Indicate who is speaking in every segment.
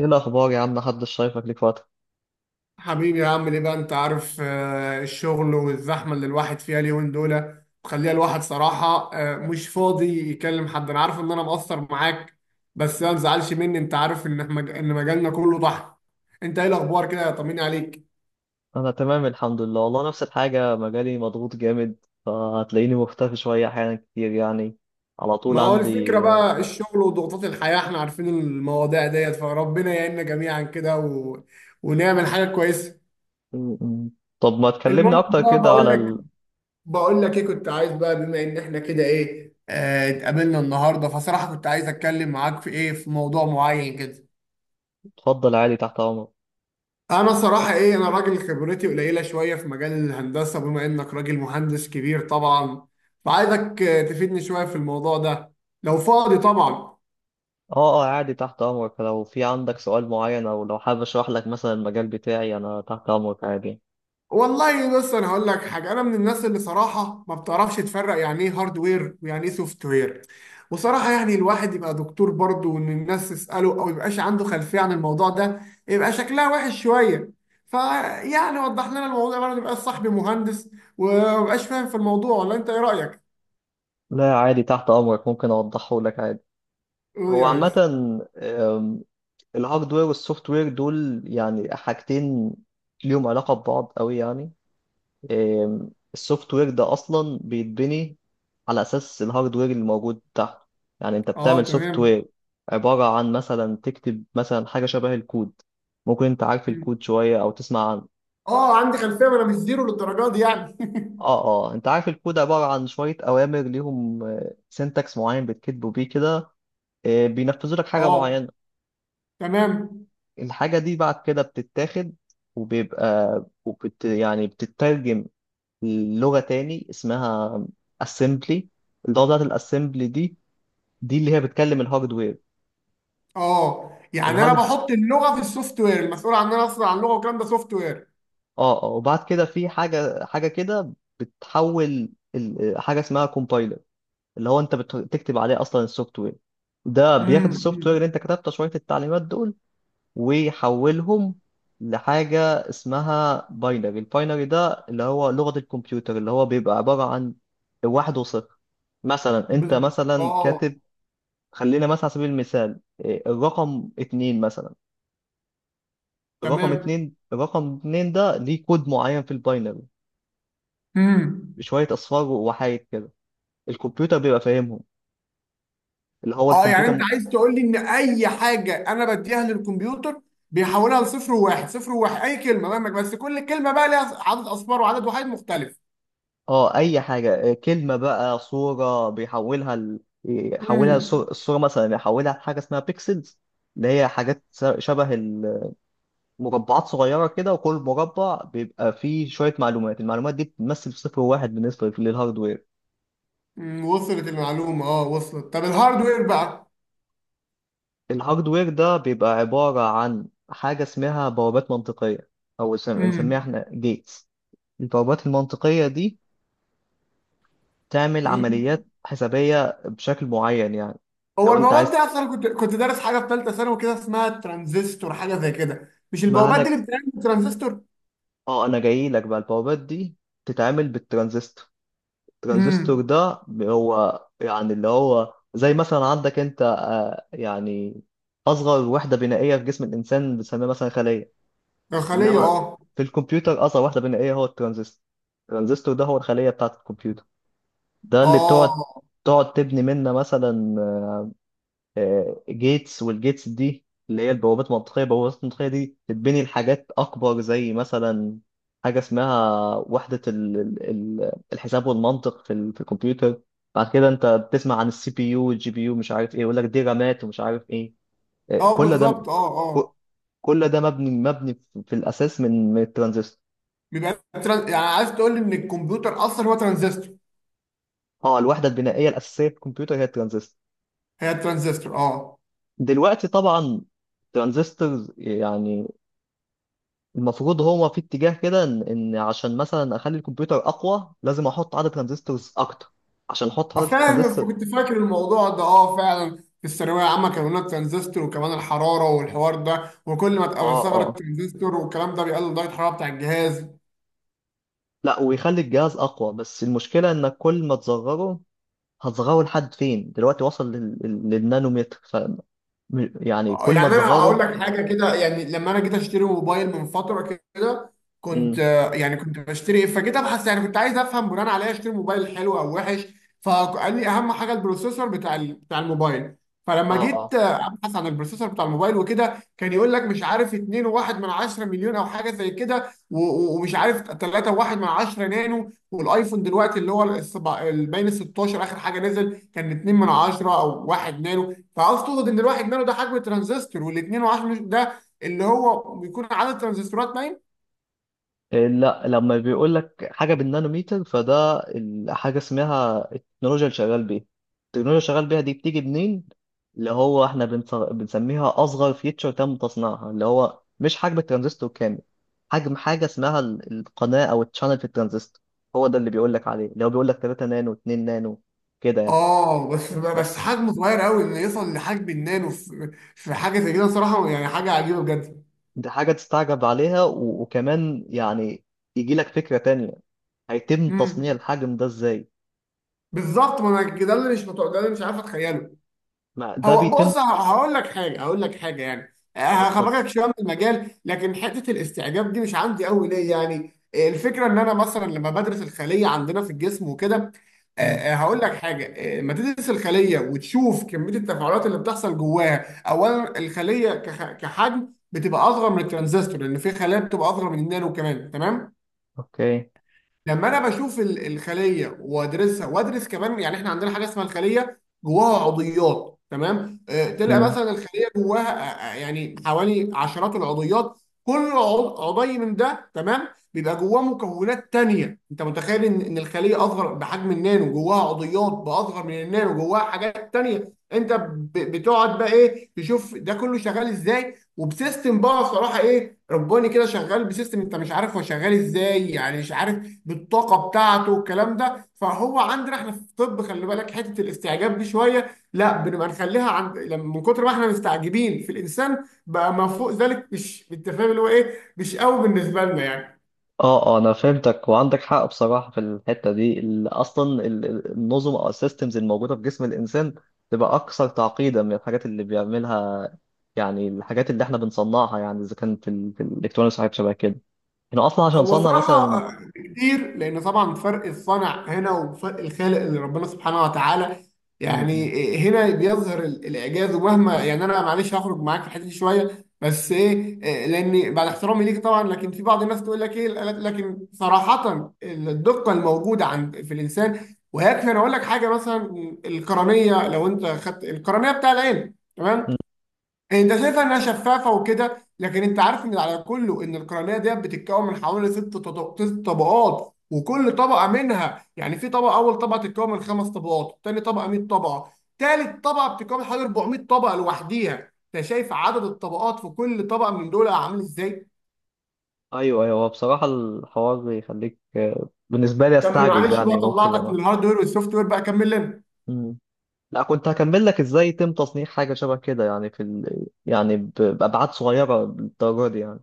Speaker 1: ايه الاخبار يا عم؟ محدش شايفك ليك فتره.
Speaker 2: حبيبي يا عم، ليه بقى؟ انت عارف، الشغل والزحمه اللي الواحد فيها اليومين دول مخليها الواحد صراحه، مش فاضي يكلم حد. انا عارف ان انا مقصر معاك، بس ما تزعلش مني. انت عارف ان ان مجالنا كله ضحك. انت ايه الاخبار كده؟ طمني عليك.
Speaker 1: انا تمام الحمد لله، والله نفس الحاجه، مجالي مضغوط جامد. فهتلاقيني مختفي شويه احيانا كتير يعني، على
Speaker 2: ما
Speaker 1: طول
Speaker 2: هو الفكره
Speaker 1: عندي.
Speaker 2: بقى، الشغل وضغوطات الحياه، احنا عارفين المواضيع ديت، فربنا يعيننا جميعا كده ونعمل حاجه كويسه.
Speaker 1: م- م. طب ما تكلمني
Speaker 2: المهم
Speaker 1: اكتر
Speaker 2: بقى،
Speaker 1: كده
Speaker 2: بقول
Speaker 1: على
Speaker 2: لك، بقول لك ايه، كنت عايز بقى بما ان احنا كده ايه، اتقابلنا النهارده، فصراحه كنت عايز اتكلم معاك في ايه، في موضوع معين كده.
Speaker 1: اتفضل عادي، تحت امرك.
Speaker 2: انا صراحه ايه، انا راجل خبرتي قليله شويه في مجال الهندسه، بما انك راجل مهندس كبير طبعا، فعايزك تفيدني شويه في الموضوع ده، لو فاضي طبعا.
Speaker 1: اه اه عادي، تحت امرك. لو في عندك سؤال معين او لو حابب اشرح لك مثلا المجال بتاعي، انا تحت امرك عادي.
Speaker 2: والله بص انا هقول لك حاجه، انا من الناس اللي صراحه ما بتعرفش تفرق يعني ايه هاردوير ويعني ايه سوفت وير. وصراحه يعني الواحد يبقى دكتور برضه وان الناس تساله او يبقاش عنده خلفيه عن الموضوع ده، يبقى شكلها وحش شويه. فيعني وضح لنا الموضوع برضه، يبقى صاحبي مهندس وما بقاش فاهم في الموضوع، ولا انت ايه رايك؟
Speaker 1: لا عادي، تحت امرك، ممكن اوضحه لك عادي.
Speaker 2: قول
Speaker 1: هو
Speaker 2: يا
Speaker 1: عامه
Speaker 2: ريس.
Speaker 1: الهاردوير والسوفت وير دول يعني حاجتين ليهم علاقة ببعض قوي يعني. السوفت وير ده أصلا بيتبني على أساس الهاردوير اللي موجود تحته. يعني أنت
Speaker 2: اه
Speaker 1: بتعمل سوفت
Speaker 2: تمام.
Speaker 1: وير عبارة عن مثلا تكتب مثلا حاجة شبه الكود. ممكن أنت عارف الكود شوية أو تسمع عنه.
Speaker 2: اه عندي خلفيه، ما انا مش زيرو للدرجه دي يعني.
Speaker 1: اه اه، انت عارف الكود عبارة عن شوية أوامر ليهم سينتاكس معين بتكتبوا بيه كده، بينفذوا لك حاجة
Speaker 2: اه
Speaker 1: معينة.
Speaker 2: تمام.
Speaker 1: الحاجة دي بعد كده بتتاخد، وبيبقى وبت يعني بتترجم لغة تاني اسمها assembly. اللغة بتاعت الاسمبلي دي، دي اللي هي بتكلم الهاردوير.
Speaker 2: اه يعني انا
Speaker 1: الهارد،
Speaker 2: بحط اللغه في السوفت وير، المسؤول عننا اصلا عن اللغه والكلام ده سوفت وير.
Speaker 1: اه اه، وبعد كده في حاجة حاجة كده بتحول حاجة اسمها compiler اللي هو انت بتكتب عليه اصلا السوفت وير. ده بياخد السوفت وير
Speaker 2: امم.
Speaker 1: اللي انت كتبته، شوية التعليمات دول، ويحولهم لحاجة اسمها باينري. الباينري ده اللي هو لغة الكمبيوتر، اللي هو بيبقى عبارة عن واحد وصفر. مثلا انت
Speaker 2: بز-
Speaker 1: مثلا
Speaker 2: اه
Speaker 1: كاتب، خلينا مثلا على سبيل المثال، الرقم اتنين مثلا. الرقم
Speaker 2: تمام.
Speaker 1: اتنين الرقم اتنين ده ليه كود معين في الباينري
Speaker 2: امم.
Speaker 1: بشوية أصفار وحايد كده، الكمبيوتر بيبقى فاهمهم، اللي هو
Speaker 2: اه يعني انت
Speaker 1: الكمبيوتر.
Speaker 2: عايز تقول لي ان اي حاجه انا بديها للكمبيوتر بيحولها لصفر وواحد، صفر وواحد، اي كلمه مهما، بس كل كلمه بقى ليها عدد اصفار وعدد وحيد مختلف.
Speaker 1: اه اي حاجه، كلمه بقى صوره بيحولها ل... يحولها
Speaker 2: امم
Speaker 1: الصوره، الصورة مثلا يحولها لحاجه اسمها بيكسلز، اللي هي حاجات شبه المربعات صغيره كده، وكل مربع بيبقى فيه شويه معلومات، المعلومات دي بتمثل صفر واحد بالنسبه للهاردوير.
Speaker 2: وصلت المعلومه، اه وصلت. طب الهاردوير بقى؟
Speaker 1: الهاردوير ده بيبقى عباره عن حاجه اسمها بوابات منطقيه، او بنسميها احنا جيتس. البوابات المنطقيه دي تعمل
Speaker 2: امم.
Speaker 1: عمليات حسابيه بشكل معين يعني.
Speaker 2: هو
Speaker 1: لو انت
Speaker 2: البوابات دي
Speaker 1: عايز
Speaker 2: اصلا كنت دارس حاجه في ثالثه ثانوي كده اسمها ترانزستور، حاجه زي كده، مش البوابات دي
Speaker 1: مهنج،
Speaker 2: اللي بتعمل ترانزستور؟
Speaker 1: اه انا جاي لك بقى، البوابات دي تتعمل بالترانزستور. الترانزستور
Speaker 2: امم
Speaker 1: ده هو يعني اللي هو زي مثلا عندك انت يعني اصغر وحده بنائيه في جسم الانسان بنسميها مثلا خليه.
Speaker 2: داخليه
Speaker 1: انما
Speaker 2: اه.
Speaker 1: في الكمبيوتر اصغر وحده بنائيه هو الترانزستور. الترانزستور ده هو الخليه بتاعه الكمبيوتر، ده اللي
Speaker 2: اه
Speaker 1: بتقعد تقعد تبني منه مثلا جيتس. والجيتس دي اللي هي البوابات المنطقية. البوابات المنطقية دي تتبني لحاجات أكبر زي مثلا حاجة اسمها وحدة الحساب والمنطق في في الكمبيوتر. بعد كده أنت بتسمع عن السي بي يو والجي بي يو، مش عارف إيه يقول لك دي رامات ومش عارف إيه،
Speaker 2: اه
Speaker 1: كل ده،
Speaker 2: بالظبط اه
Speaker 1: ك-
Speaker 2: اه.
Speaker 1: كل ده مبني مبني في في الأساس من من الترانزستور.
Speaker 2: يعني عايز تقول لي ان الكمبيوتر اصلا هو ترانزستور؟
Speaker 1: اه الوحدة البنائية الأساسية في الكمبيوتر هي الترانزستور.
Speaker 2: هي الترانزستور اه.
Speaker 1: دلوقتي طبعا الترانزستورز يعني المفروض هو في اتجاه كده ان إن عشان مثلا اخلي الكمبيوتر اقوى لازم احط عدد ترانزستورز اكتر، عشان احط عدد
Speaker 2: فاهم،
Speaker 1: ترانزستور.
Speaker 2: كنت فاكر الموضوع ده، اه فعلا في الثانويه العامه كانوا لنا الترانزستور، وكمان الحراره والحوار ده، وكل ما تقوي
Speaker 1: اه
Speaker 2: ثغره
Speaker 1: اه،
Speaker 2: الترانزستور والكلام ده بيقلل درجه الحراره بتاع الجهاز.
Speaker 1: لا ويخلي الجهاز اقوى، بس المشكله انك كل ما تصغره، هتصغره لحد فين؟ دلوقتي وصل لل... للنانومتر ف يعني كل ما
Speaker 2: يعني انا هقول
Speaker 1: تصغره.
Speaker 2: لك حاجه كده، يعني لما انا جيت اشتري موبايل من فتره كده، كنت
Speaker 1: امم،
Speaker 2: يعني كنت بشتري إيه، فجيت ابحث، يعني كنت عايز افهم بناء عليها اشتري موبايل حلو او وحش. فقال لي اهم حاجه البروسيسور بتاع بتاع الموبايل. فلما
Speaker 1: اه
Speaker 2: جيت
Speaker 1: اه،
Speaker 2: ابحث عن البروسيسور بتاع الموبايل وكده، كان يقول لك مش عارف 2.1 من 10 مليون او حاجه زي كده، ومش عارف 3.1 من 10 نانو. والايفون دلوقتي اللي هو باين ال 16 اخر حاجه نزل كان 2 من 10 او 1 نانو. فعاوز تقصد ان الواحد نانو ده حجم ترانزستور، والاثنين وعشرة ده اللي هو بيكون عدد ترانزستورات باين.
Speaker 1: لا لما بيقول لك حاجه بالنانوميتر فده حاجه اسمها التكنولوجيا اللي شغال بيها. التكنولوجيا اللي شغال بيها دي بتيجي منين؟ اللي هو احنا بنسميها اصغر فيتشر تم تصنيعها، اللي هو مش حجم الترانزستور كامل، حجم حاجه اسمها القناه او التشانل في الترانزستور. هو ده اللي بيقول لك عليه، اللي هو بيقول لك 3 نانو، 2 نانو كده يعني.
Speaker 2: اه بس بس
Speaker 1: بس
Speaker 2: حجمه صغير قوي، انه يوصل لحجم النانو في في حاجه زي كده، صراحه يعني حاجه عجيبه بجد.
Speaker 1: دي حاجه تستعجب عليها، وكمان يعني يجي لك فكره تانية، هيتم تصنيع
Speaker 2: امم
Speaker 1: الحجم ده ازاي؟
Speaker 2: بالظبط، ما انا ده اللي مش متوقع، ده اللي مش عارف اتخيله.
Speaker 1: ما ده
Speaker 2: هو
Speaker 1: بيتم.
Speaker 2: بص، هقول لك حاجه، هقول لك حاجه يعني،
Speaker 1: اه اتفضل.
Speaker 2: هخبرك شويه من المجال، لكن حته الاستعجاب دي مش عندي قوي ليه، يعني الفكره ان انا مثلا لما بدرس الخليه عندنا في الجسم وكده. آه،
Speaker 1: مم.
Speaker 2: آه، هقول لك حاجه آه، لما تدرس الخليه وتشوف كميه التفاعلات اللي بتحصل جواها، اولا الخليه كحجم بتبقى اصغر من الترانزستور، لان في خلايا بتبقى اصغر من النانو كمان. تمام،
Speaker 1: اوكي.
Speaker 2: لما انا بشوف الخليه وادرسها، وادرس كمان يعني، احنا عندنا حاجه اسمها الخليه جواها عضيات، تمام، تلقى
Speaker 1: مم.
Speaker 2: مثلا الخليه جواها يعني حوالي عشرات العضيات. كل عضي من ده تمام بيبقى جواه مكونات تانية. انت متخيل ان إن الخليه اصغر بحجم النانو، جواها عضيات باصغر من النانو، جواها حاجات تانية؟ انت بتقعد بقى ايه، تشوف ده كله شغال ازاي، وبسيستم بقى صراحه ايه رباني كده، شغال بسيستم انت مش عارف هو شغال ازاي، يعني مش عارف بالطاقه بتاعته والكلام ده. فهو عندنا احنا في الطب خلي بالك حته الاستعجاب دي شويه لا بنبقى نخليها عند، لما من كتر ما احنا مستعجبين في الانسان بقى، ما فوق ذلك مش بالتفاهم اللي هو ايه، مش قوي بالنسبه لنا يعني.
Speaker 1: اه اه، انا فهمتك وعندك حق بصراحه في الحته دي. اصلا النظم او السيستمز الموجوده في جسم الانسان تبقى اكثر تعقيدا من الحاجات اللي بيعملها. يعني الحاجات اللي احنا بنصنعها، يعني اذا كان في، في الالكترونيكس وحاجات شبه كده، احنا اصلا عشان
Speaker 2: هو
Speaker 1: نصنع مثلا.
Speaker 2: صراحة كتير، لأن طبعا فرق الصنع هنا وفرق الخالق اللي ربنا سبحانه وتعالى،
Speaker 1: مم.
Speaker 2: يعني هنا بيظهر الإعجاز. ومهما يعني أنا معلش هخرج معاك في الحتة دي شوية، بس إيه لأن بعد احترامي ليك طبعا، لكن في بعض الناس تقول لك إيه، لكن صراحة الدقة الموجودة عند في الإنسان، ويكفي أنا أقول لك حاجة مثلا، القرنية، لو أنت خدت القرنية بتاع العين، تمام؟ انت شايفها انها شفافه وكده، لكن انت عارف ان على كله ان القرنيه ديت بتتكون من حوالي ست طبقات، وكل طبقه منها يعني، في طبقه اول طبقه تتكون من خمس طبقات، تاني طبقه 100 طبقه، تالت طبقه بتتكون من حوالي 400 طبقه لوحديها. انت شايف عدد الطبقات في كل طبقه من دول عامل ازاي؟
Speaker 1: ايوه ايوه، هو بصراحه الحوار يخليك بالنسبه لي
Speaker 2: طب
Speaker 1: استعجب
Speaker 2: معلش
Speaker 1: يعني،
Speaker 2: بقى،
Speaker 1: ممكن
Speaker 2: طلعتك من
Speaker 1: لما.
Speaker 2: الهاردوير والسوفت وير، بقى كمل لنا.
Speaker 1: مم. لا كنت هكمل لك ازاي يتم تصنيع حاجه شبه كده يعني في ال... يعني بابعاد صغيره للدرجه دي يعني.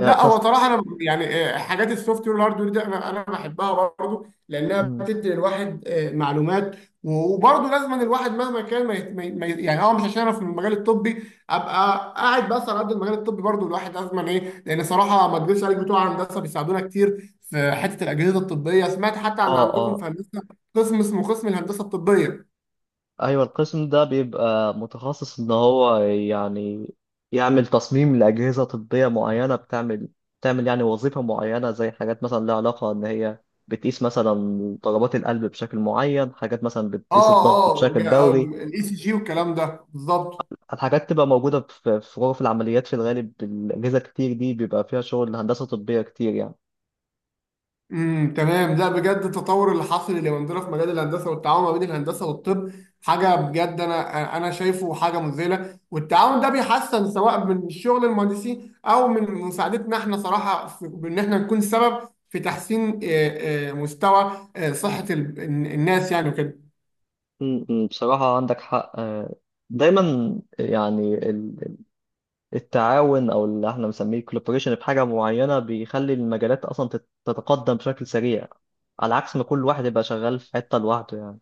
Speaker 1: يعني تص...
Speaker 2: هو صراحه انا يعني حاجات السوفت وير والهاردوير دي انا بحبها برضه، لانها
Speaker 1: م.
Speaker 2: بتدي الواحد معلومات. وبرضه لازم أن الواحد مهما كان ما يعني اه، مش عشان انا في المجال الطبي ابقى قاعد بس على قد المجال الطبي، برضه الواحد لازم أن ايه، لان صراحه ما اكذبش عليك، بتوع هندسه بيساعدونا كتير في حته الاجهزه الطبيه. سمعت حتى ان
Speaker 1: اه
Speaker 2: عندكم في
Speaker 1: اه،
Speaker 2: هندسه قسم اسمه قسم الهندسه الطبيه.
Speaker 1: ايوه، القسم ده بيبقى متخصص ان هو يعني يعمل تصميم لاجهزه طبيه معينه بتعمل، بتعمل يعني وظيفه معينه زي حاجات مثلا لها علاقه ان هي بتقيس مثلا ضربات القلب بشكل معين، حاجات مثلا بتقيس
Speaker 2: اه
Speaker 1: الضغط
Speaker 2: اه.
Speaker 1: بشكل دوري.
Speaker 2: الاي سي جي والكلام ده بالظبط.
Speaker 1: الحاجات تبقى موجوده في في غرف العمليات في الغالب، الاجهزه كتير دي بيبقى فيها شغل هندسه طبيه كتير يعني.
Speaker 2: تمام. لا بجد التطور اللي حاصل اليومين دول في مجال الهندسه، والتعاون ما بين الهندسه والطب، حاجه بجد انا شايفه حاجه مذهله. والتعاون ده بيحسن، سواء من شغل المهندسين او من مساعدتنا احنا صراحه، في ان احنا نكون سبب في تحسين مستوى صحه الناس يعني وكده.
Speaker 1: م، بصراحه عندك حق دايما يعني التعاون او اللي احنا بنسميه الكولابوريشن في حاجه معينه بيخلي المجالات اصلا تتقدم بشكل سريع، على عكس ما كل واحد يبقى شغال في حته لوحده يعني.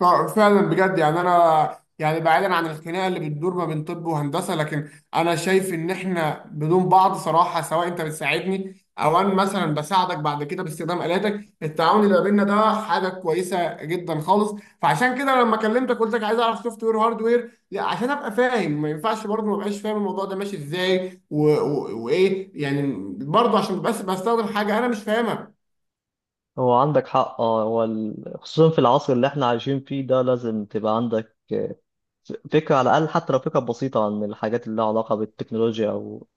Speaker 2: ف- فعلا بجد يعني، انا يعني بعيدا عن الخناقه اللي بتدور ما بين طب وهندسه، لكن انا شايف ان احنا بدون بعض صراحه، سواء انت بتساعدني او انا مثلا بساعدك بعد كده باستخدام الاتك، التعاون اللي ما بيننا ده حاجه كويسه جدا خالص. فعشان كده لما كلمتك قلت لك عايز اعرف سوفت وير هاردوير، عشان ابقى فاهم. ما ينفعش برضه ما ابقاش فاهم الموضوع ده ماشي ازاي وايه يعني، برضه عشان بس بستخدم حاجه انا مش فاهمها.
Speaker 1: هو عندك حق اه، هو خصوصا في العصر اللي احنا عايشين فيه ده لازم تبقى عندك فكره على الاقل، حتى لو فكره بسيطه عن الحاجات اللي لها علاقه بالتكنولوجيا او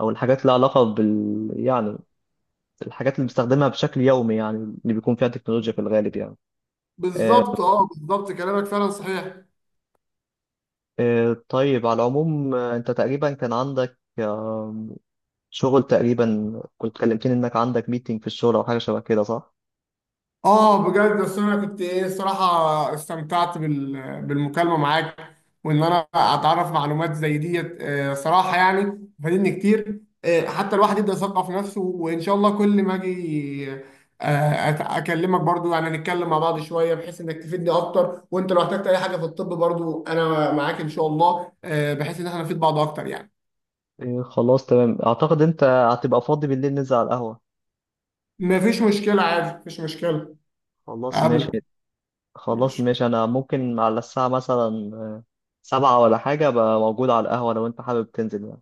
Speaker 1: او الحاجات اللي لها علاقه بال يعني الحاجات اللي بنستخدمها بشكل يومي يعني، اللي بيكون فيها تكنولوجيا في الغالب يعني.
Speaker 2: بالظبط اه بالظبط، كلامك فعلا صحيح.
Speaker 1: طيب على العموم، انت تقريبا كان عندك شغل تقريبا، كنت كلمتني انك عندك ميتنج في الشغل او حاجه شبه كده صح؟
Speaker 2: اه بجد، بس انا كنت ايه الصراحه استمتعت بالمكالمه معاك، وان انا اتعرف معلومات زي ديت، صراحه يعني فادتني كتير. حتى الواحد يبدا يثقف نفسه، وان شاء الله كل ما اجي اكلمك برضو، يعني نتكلم مع بعض شويه بحيث انك تفيدني اكتر. وانت لو احتجت اي حاجه في الطب برضو انا معاك ان شاء الله، بحيث ان احنا نفيد بعض اكتر يعني.
Speaker 1: إيه خلاص تمام، اعتقد انت هتبقى فاضي بالليل، ننزل على القهوه.
Speaker 2: مفيش مشكله عادي، مفيش مشكله
Speaker 1: خلاص ماشي.
Speaker 2: اقابلك،
Speaker 1: خلاص
Speaker 2: ماشي.
Speaker 1: ماشي، انا ممكن على الساعه مثلا سبعة ولا حاجه ابقى موجود على القهوه لو انت حابب تنزل يعني.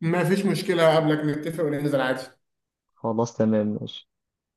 Speaker 2: مفيش مشكله اقابلك، نتفق وننزل عادي.
Speaker 1: خلاص تمام ماشي.